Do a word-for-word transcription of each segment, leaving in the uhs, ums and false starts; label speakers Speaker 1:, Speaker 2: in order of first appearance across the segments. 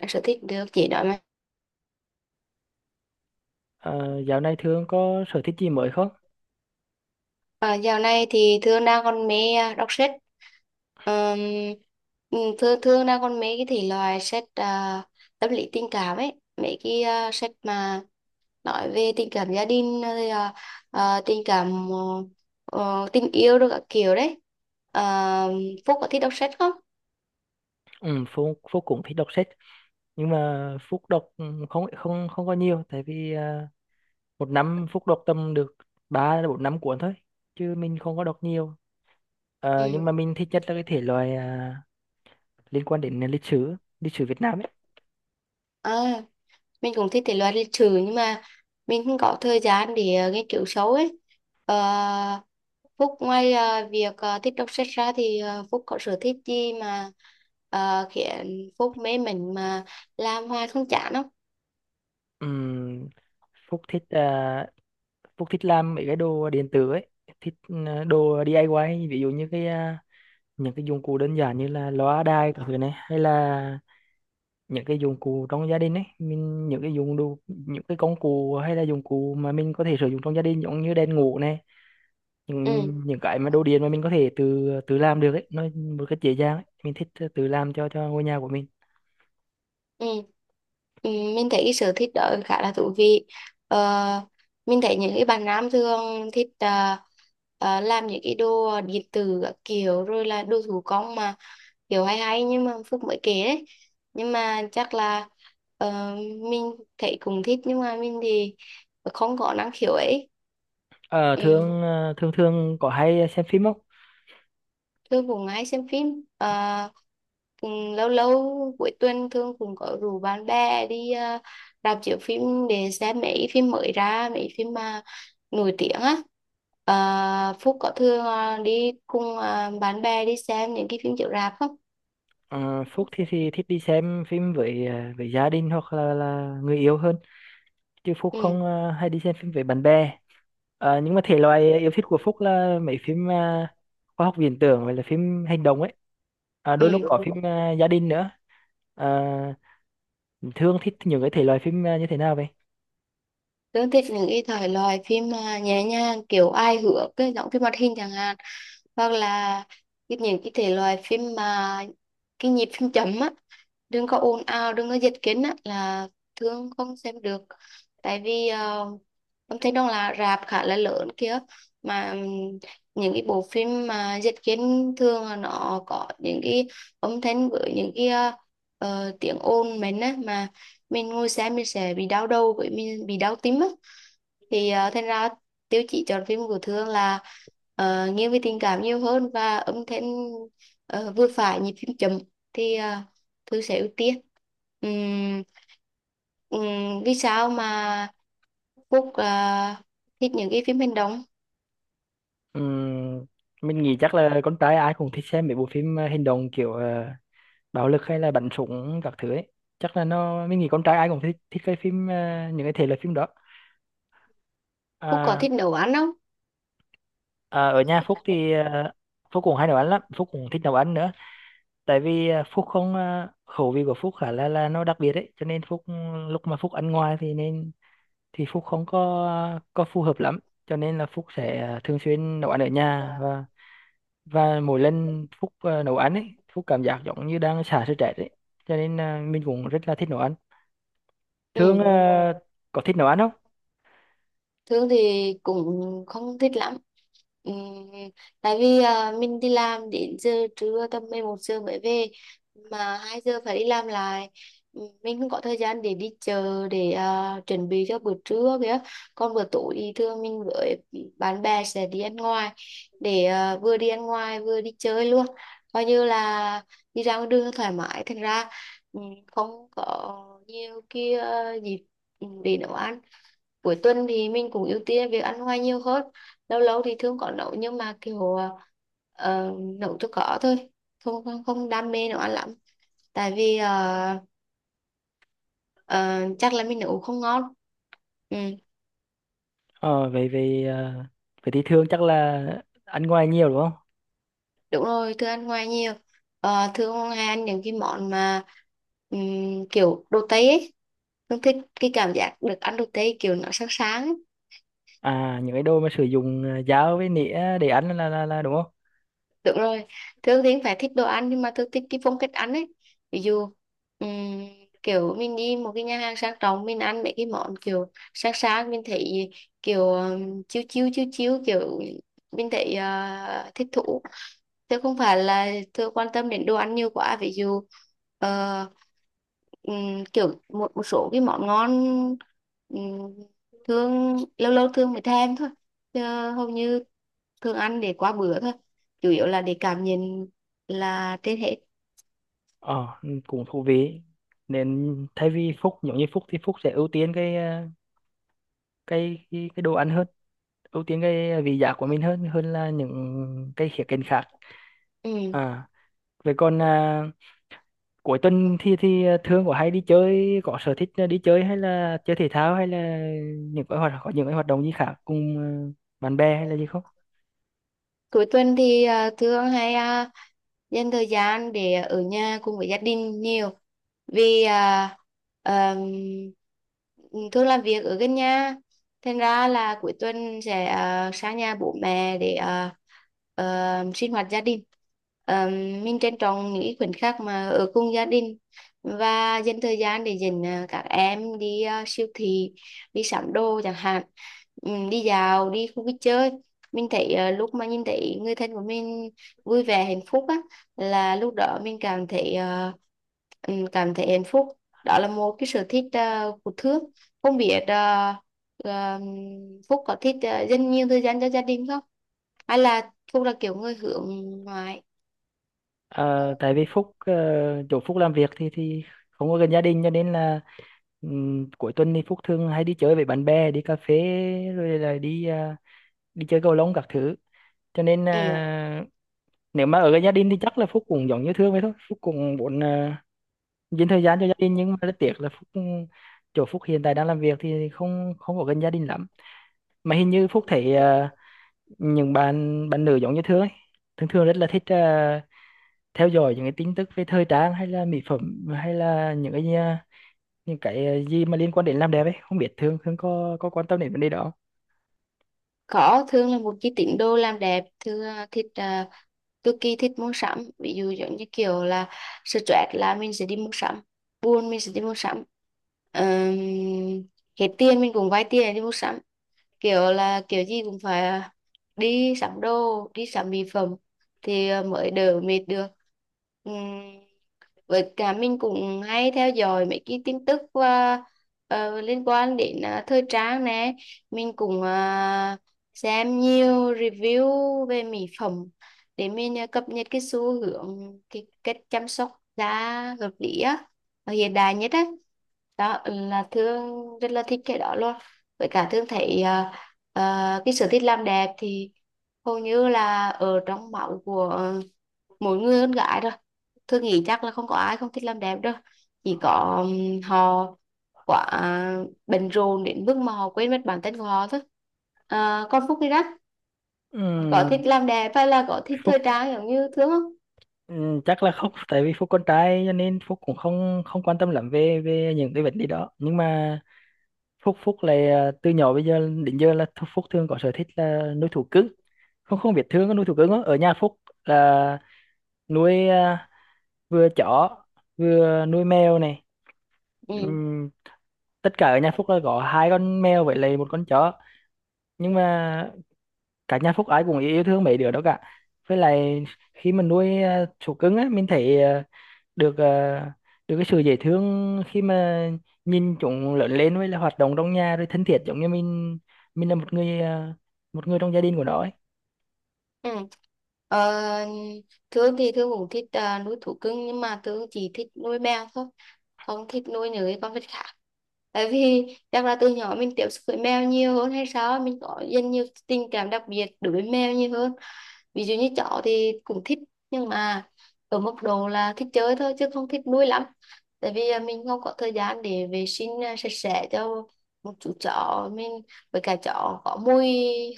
Speaker 1: Đọc sở thích được chị nói mà.
Speaker 2: Ờ, dạo này Thương có sở thích gì mới không?
Speaker 1: À, dạo này thì Thương đang còn mê à, đọc sách. Ờm, ừ, thương thương đang còn mê cái thể loại sách, à, tâm lý tình cảm ấy, mấy cái à, sách mà nói về tình cảm gia đình, rồi à, à, tình cảm, ờ, ờ, tình yêu, rồi các kiểu đấy. Ờ, Phúc có thích đọc sách không?
Speaker 2: Ừ, Phúc, Phúc cũng thích đọc sách nhưng mà Phúc đọc ừ, không không không có nhiều tại vì à, một năm Phúc đọc tầm được ba đến bốn năm cuốn thôi chứ mình không có đọc nhiều. Ờ, nhưng mà
Speaker 1: Ừ.
Speaker 2: mình thích nhất là cái thể loại à, liên quan đến lịch sử, lịch sử Việt Nam ấy.
Speaker 1: À. Mình cũng thích thể loại lịch sử nhưng mà mình không có thời gian để ờ, nghiên cứu sâu ấy. Ờ, Phúc ngoài ờ, việc ờ, thích đọc sách ra thì ờ, Phúc có sở thích gì mà ờ, khiến Phúc mê mình, mà làm hoài không chán không?
Speaker 2: Ừm, Phúc thích à, Phúc thích làm mấy cái đồ điện tử ấy, thích ừ, đồ đi ai quai ví dụ như cái à, những cái dụng cụ đơn giản như là loa đài các thứ này hay là những cái dụng cụ trong gia đình ấy, mình những cái dụng đồ những cái công cụ hay là dụng cụ mà mình có thể sử dụng trong gia đình giống như đèn ngủ này, những
Speaker 1: Ừ.
Speaker 2: những cái mà đồ điện mà mình có thể tự tự làm được ấy nó một cách dễ dàng ấy. Mình thích tự làm cho cho ngôi nhà của mình.
Speaker 1: Ừ. Ừ, mình thấy cái sở thích đó khá là thú vị. ờ, mình thấy những cái bạn nam thường thích ờ, ờ, làm những cái đồ điện tử các kiểu, rồi là đồ thủ công mà kiểu hay hay, nhưng mà Phúc mới kể đấy. Nhưng mà chắc là, ờ, mình thấy cũng thích, nhưng mà mình thì không có năng khiếu ấy.
Speaker 2: ờ thường
Speaker 1: Ừ.
Speaker 2: ờ, thường thường có hay xem phim không?
Speaker 1: Thương cũng hay xem phim. Ờ, ừ, lâu lâu cuối tuần Thương cũng có rủ bạn bè đi ờ, rạp chiếu phim để xem mấy phim mới ra, mấy phim mà nổi tiếng á. Ờ, Phúc có thường ờ, đi cùng ờ, bạn bè đi xem những cái phim chiếu rạp không?
Speaker 2: Ờ, Phúc thì, thì thích đi xem phim với ờ, với gia đình hoặc là, là người yêu hơn chứ Phúc không
Speaker 1: Ừ.
Speaker 2: ờ, hay đi xem phim với bạn bè. Ờ, nhưng mà thể loại yêu thích của Phúc là mấy phim ờ, khoa học viễn tưởng hoặc là phim hành động ấy, à, đôi lúc có
Speaker 1: Ừ.
Speaker 2: phim ờ, gia đình nữa. Ờ, Thương thích những cái thể loại phim ờ, như thế nào vậy?
Speaker 1: Tớ thích những cái thể loại phim à, nhẹ nhàng, kiểu ai hước, cái giọng phim hoạt hình chẳng hạn, hoặc là cái- những cái thể loại phim mà cái nhịp phim chậm á, đừng có ồn ào, đừng có dịch kính á, là thường không xem được. Tại vì ờ, âm thanh đông là rạp khá là lớn kia, mà ừm, những cái bộ phim mà dịch kính thường là nó có những cái âm thanh với những cái ờ, ờ, tiếng ồn mình á, mà mình ngồi xem mình sẽ bị đau đầu với mình bị đau tim á. Thì ờ, thành ra tiêu chí chọn phim của Thương là ờ, nghiêng về tình cảm nhiều hơn, và âm thanh ờ, vừa phải, nhịp phím chậm thì ờ, Thư sẽ ưu tiên. Ừm, ừm, vì sao mà Phúc ờ, thích những cái phim hành động?
Speaker 2: Ừm, mình nghĩ chắc là con trai ai cũng thích xem mấy bộ phim ờ, hành động kiểu ờ, bạo lực hay là bắn súng các thứ ấy, chắc là nó mình nghĩ con trai ai cũng thích thích cái phim ờ, những cái thể loại phim đó.
Speaker 1: Phúc có
Speaker 2: à,
Speaker 1: thích nấu ăn không?
Speaker 2: à, Ở nhà Phúc thì ờ, Phúc cũng hay nấu ăn lắm, Phúc cũng thích nấu ăn nữa, tại vì à, Phúc không à, khẩu vị của Phúc khá là là nó đặc biệt đấy, cho nên Phúc ừ, lúc mà Phúc ăn ngoài thì nên thì Phúc không có có phù hợp lắm, cho nên là Phúc sẽ à, thường xuyên nấu ăn ở nhà, và và mỗi lần Phúc à, nấu ăn ấy Phúc cảm giác giống như đang xả stress ấy, cho nên à, mình cũng rất là thích nấu ăn.
Speaker 1: Ừ.
Speaker 2: Thương à, có thích nấu ăn không?
Speaker 1: Thương thì cũng không thích lắm. Ừm, tại vì à, mình đi làm đến giờ trưa tầm mười một giờ mới về, mà hai giờ phải đi làm lại. Ừm, Mình không có thời gian để đi chợ, để à, chuẩn bị cho bữa trưa kìa. Còn bữa tối thì thường mình với bạn bè sẽ đi ăn ngoài, để à, vừa đi ăn ngoài vừa đi chơi luôn. Coi như là đi ra ngoài đường thoải mái. Thành ra ừm, không có nhiều kia dịp để nấu ăn. Cuối tuần thì mình cũng ưu tiên việc ăn ngoài nhiều hơn. Lâu lâu thì thường có nấu nhưng mà kiểu ờ, nấu cho có thôi, không không không đam mê nấu ăn lắm. Tại vì ờ, ờ, chắc là mình nấu không ngon. Ừ,
Speaker 2: Ờ về về à, Vậy thì Thương chắc là ăn ngoài nhiều đúng không?
Speaker 1: đúng rồi, thường ăn ngoài nhiều. Ờ, thường hay ăn những cái món mà ừm, kiểu đồ Tây ấy. Thường thích cái cảm giác được ăn đồ Tây, kiểu nó sáng sáng ấy.
Speaker 2: À, những cái đồ mà sử dụng à, dao với nĩa để ăn là là, là đúng không?
Speaker 1: Đúng rồi, Thương thì phải thích đồ ăn, nhưng mà Thương thích cái phong cách ăn ấy. Ví dụ ừm, kiểu mình đi một cái nhà hàng sang trọng, mình ăn mấy cái món kiểu sang sang, mình thấy kiểu ừm, chiêu chiêu chiêu chiêu, kiểu mình thấy ờ, thích thú. Chứ không phải là Thương quan tâm đến đồ ăn nhiều quá. Ví dụ ờ, ừm, kiểu một một số cái món ngon, ừm, Thương lâu lâu Thương mới thèm thôi. Chứ hầu như thường ăn để qua bữa thôi, chủ yếu là để cảm nhận là trên hết.
Speaker 2: Ờ, cũng thú vị. Nên thay vì Phúc giống như Phúc thì Phúc sẽ ưu tiên cái ờ, cái cái, cái đồ ăn hơn, ưu tiên cái ờ, vị giác của mình hơn hơn là những cái khía cạnh khác.
Speaker 1: Ừ.
Speaker 2: À, vậy còn à, cuối tuần thì thì ờ, thường có hay đi chơi, có sở thích ờ, đi chơi hay là chơi thể thao hay là những cái hoạt có những cái hoạt động gì khác cùng ờ, bạn bè hay là gì không?
Speaker 1: Cuối tuần thì à, thường hay à, dành thời gian để ở nhà cùng với gia đình nhiều. Vì à, ờm, thường làm việc ở gần nhà, thành ra là cuối tuần sẽ à, sang nhà bố mẹ để à, ờ, sinh hoạt gia đình. Ờ, mình trân trọng những khoảnh khắc mà ở cùng gia đình, và dành thời gian để dẫn à, các em đi à, siêu thị, đi sắm đồ chẳng hạn. Ừ, đi dạo, đi khu vui chơi. Mình thấy ờ, lúc mà nhìn thấy người thân của mình vui vẻ hạnh phúc á, là lúc đó mình cảm thấy ờ, ừm, cảm thấy hạnh phúc. Đó là một cái sở thích ờ, của Thước. Không biết ờ, ờ, Phúc có thích ờ, dành nhiều thời gian cho gia đình không? Hay là Phúc là kiểu người hướng ngoại?
Speaker 2: Ờ, tại vì Phúc ờ, chỗ Phúc làm việc thì thì không có gần gia đình, cho nên là ừm, cuối tuần thì Phúc thường hay đi chơi với bạn bè, đi cà phê rồi là đi ờ, đi chơi cầu lông các thứ, cho nên
Speaker 1: Ừ.
Speaker 2: à, nếu mà ở gần gia đình thì chắc là Phúc cũng giống như Thương vậy thôi, Phúc cũng muốn à, dành thời gian cho gia đình nhưng mà rất tiếc là Phúc ừ, chỗ Phúc hiện tại đang làm việc thì không không ở gần gia đình lắm. Mà hình như Phúc thấy ờ, những bạn bạn nữ giống như Thương ấy thường thường rất là thích ờ, theo dõi những cái tin tức về thời trang hay là mỹ phẩm hay là những cái ờ, những cái ờ, gì mà liên quan đến làm đẹp ấy, không biết Thương Thương có có quan tâm đến vấn đề đó không?
Speaker 1: Có, Thương là một cái tín đồ làm đẹp. Thương ờ, thích ờ, cực kỳ thích mua sắm. Ví dụ giống như kiểu là stress là mình sẽ đi mua sắm, buồn mình sẽ đi mua sắm. Ờm, hết tiền mình cũng vay tiền để đi mua sắm, kiểu là kiểu gì cũng phải à, đi sắm đồ, đi sắm mỹ phẩm, thì à, mới đỡ mệt được. Ừm, với cả mình cũng hay theo dõi mấy cái tin tức à, ờ, liên quan đến à, thời trang nè. Mình cũng à, xem nhiều review về mỹ phẩm để mình à, cập nhật cái xu hướng, cái cách chăm sóc da hợp lý á, và hiện đại nhất á. Đó là Thương rất là thích cái đó luôn. Với cả Thương thấy ờ, Ờ, cái sở thích làm đẹp thì hầu như là ở trong máu của ờ, mỗi người con gái rồi. Tôi nghĩ chắc là không có ai không thích làm đẹp đâu, chỉ có ừm, họ quá bận rộn đến mức mà họ quên mất bản thân của họ thôi. Ờ, con Phúc đi đó, có thích
Speaker 2: Ừm,
Speaker 1: làm đẹp hay là có thích thời
Speaker 2: Phúc
Speaker 1: trang giống như Thương không?
Speaker 2: ừm, chắc là không, tại vì Phúc con trai cho nên Phúc cũng không không quan tâm lắm về về những cái vấn đề đó, nhưng mà Phúc Phúc là từ nhỏ bây giờ đến giờ là Thu- Phúc thường có sở thích là nuôi thú cưng, không không biết Thương có nuôi thú cưng không? Ở nhà Phúc là nuôi ờ, vừa chó vừa nuôi mèo này.
Speaker 1: Ừ.
Speaker 2: Ừm, Tất cả ở nhà Phúc là có hai con mèo với lại một con chó, nhưng mà cả nhà Phúc ai cũng yêu thương mấy đứa đó cả. Với lại khi mình nuôi uh, thú cưng á, mình thấy ờ, được ờ, được cái sự dễ thương khi mà nhìn chúng lớn lên với là hoạt động trong nhà rồi thân thiết giống như mình mình là một người ờ, một người trong gia đình của nó ấy.
Speaker 1: Ừ. Ờ, Thương thì Thương cũng thích à, nuôi thú cưng, nhưng mà Thương chỉ thích nuôi mèo thôi, không thích nuôi những cái con vật khác. Tại vì chắc là từ nhỏ mình tiếp xúc với mèo nhiều hơn hay sao, mình có dần nhiều tình cảm đặc biệt đối với mèo nhiều hơn. Ví dụ như chó thì cũng thích, nhưng mà ở mức độ là thích chơi thôi chứ không thích nuôi lắm. Tại vì à, mình không có thời gian để vệ sinh à, sạch sẽ cho một chú chó mình, với cả chó có mùi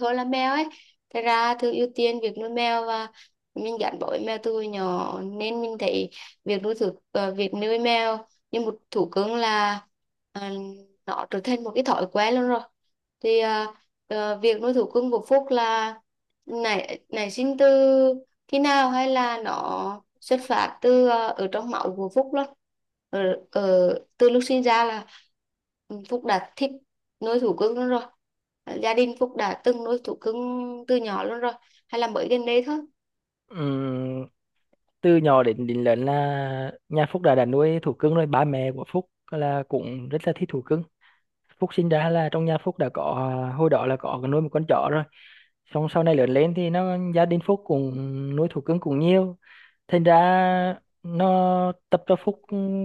Speaker 1: hơn là mèo ấy. Thế ra thường ưu tiên việc nuôi mèo, và mình gắn bó với mèo từ hồi nhỏ, nên mình thấy việc nuôi thú à, việc nuôi mèo như một thú cưng là à, nó trở thành một cái thói quen luôn rồi. Thì à, ờ, việc nuôi thú cưng của Phúc là nảy nảy sinh từ khi nào, hay là nó xuất phát từ ờ, ở trong máu của Phúc luôn, ở, ở từ lúc sinh ra là Phúc đã thích nuôi thú cưng luôn rồi? Gia đình Phúc đã từng nuôi thú cưng từ nhỏ luôn rồi, hay là mới gần đây thôi?
Speaker 2: Ừm, Từ nhỏ đến đến lớn là nhà Phúc đã đã nuôi thú cưng rồi, ba mẹ của Phúc là cũng rất là thích thú cưng. Phúc sinh ra là trong nhà Phúc đã có à, hồi đó là có nuôi một con chó rồi, xong sau này lớn lên thì nó gia đình Phúc cũng nuôi thú cưng cũng nhiều, thành ra nó tập cho Phúc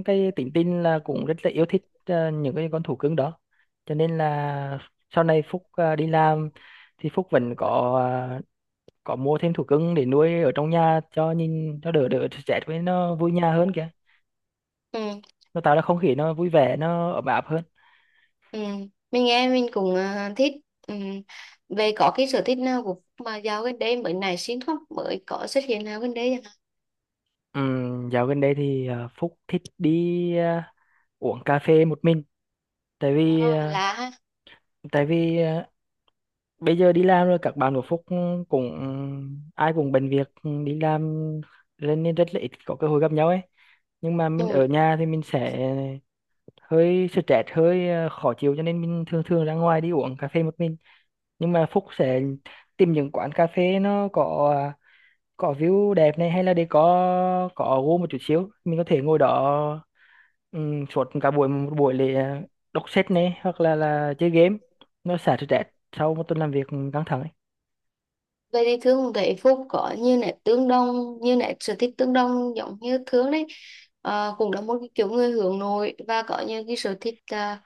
Speaker 2: cái tính tình là cũng rất là yêu thích ờ, những cái con thú cưng đó, cho nên là sau này Phúc ờ, đi làm thì Phúc vẫn có ờ, có mua thêm thú cưng để nuôi ở trong nhà cho nhìn cho đỡ đỡ stress, với nó vui nhà hơn kìa,
Speaker 1: Ừ,
Speaker 2: nó tạo ra không khí nó vui vẻ nó ấm áp hơn.
Speaker 1: ừ. Mình nghe mình cũng ờ, thích. Ừ. Về có cái sở thích nào của Phúc mà dạo gần đây mới nảy sinh không, mới có xuất hiện nào gần đây chẳng hạn?
Speaker 2: Ừm, dạo gần đây thì ờ, Phúc thích đi ờ, uống cà phê một mình, tại vì
Speaker 1: Ờ,
Speaker 2: ờ,
Speaker 1: là ha.
Speaker 2: tại vì ờ, bây giờ đi làm rồi các bạn của Phúc cũng ai cũng bận việc ừ, đi làm nên nên rất là ít có cơ hội gặp nhau ấy, nhưng mà mình
Speaker 1: Ừ.
Speaker 2: ở nhà thì mình sẽ hơi stress hơi ờ, khó chịu, cho nên mình thường thường ra ngoài đi uống cà phê một mình. Nhưng mà Phúc sẽ tìm những quán cà phê nó có ờ, có view đẹp này hay là để có có gỗ một chút xíu, mình có thể ngồi đó um, suốt cả buổi một buổi để ờ, đọc sách này hoặc là là chơi game, nó xả stress sau một tuần làm việc căng thẳng ấy.
Speaker 1: Vậy thì thường thấy Phúc có như nét tương đồng, như nét sở thích tương đồng giống như thường đấy. Ờ, cũng là một cái kiểu người hướng nội, và có những cái sở thích à,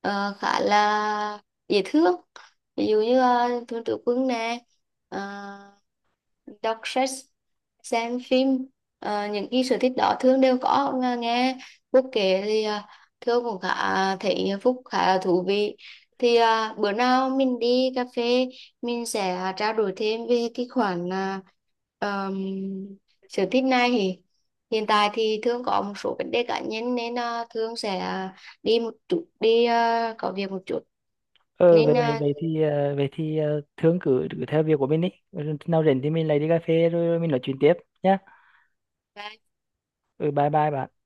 Speaker 1: ờ, khá là dễ thương. Ví dụ như uh, thường tử quân nè, ờ, đọc sách, xem phim. Ờ, những cái sở thích đó thường đều có. Nga- nghe Phúc kể thì uh, thường cũng khá thấy Phúc khá là thú vị. Thì à, bữa nào mình đi cà phê mình sẽ à, trao đổi thêm về cái khoản à, ờm, sở thích này. Thì hiện tại thì Thương có một số vấn đề cá nhân, nên à, Thương sẽ à, đi một chút, đi à, có việc một chút,
Speaker 2: Ờ
Speaker 1: nên
Speaker 2: về về
Speaker 1: à,
Speaker 2: về thì ờ, về thì ờ, Thương cứ cứ theo việc của mình đi. Ừ, nào rảnh thì mình lại đi cà phê rồi mình nói chuyện tiếp nhá. Ừ, bye bye bạn.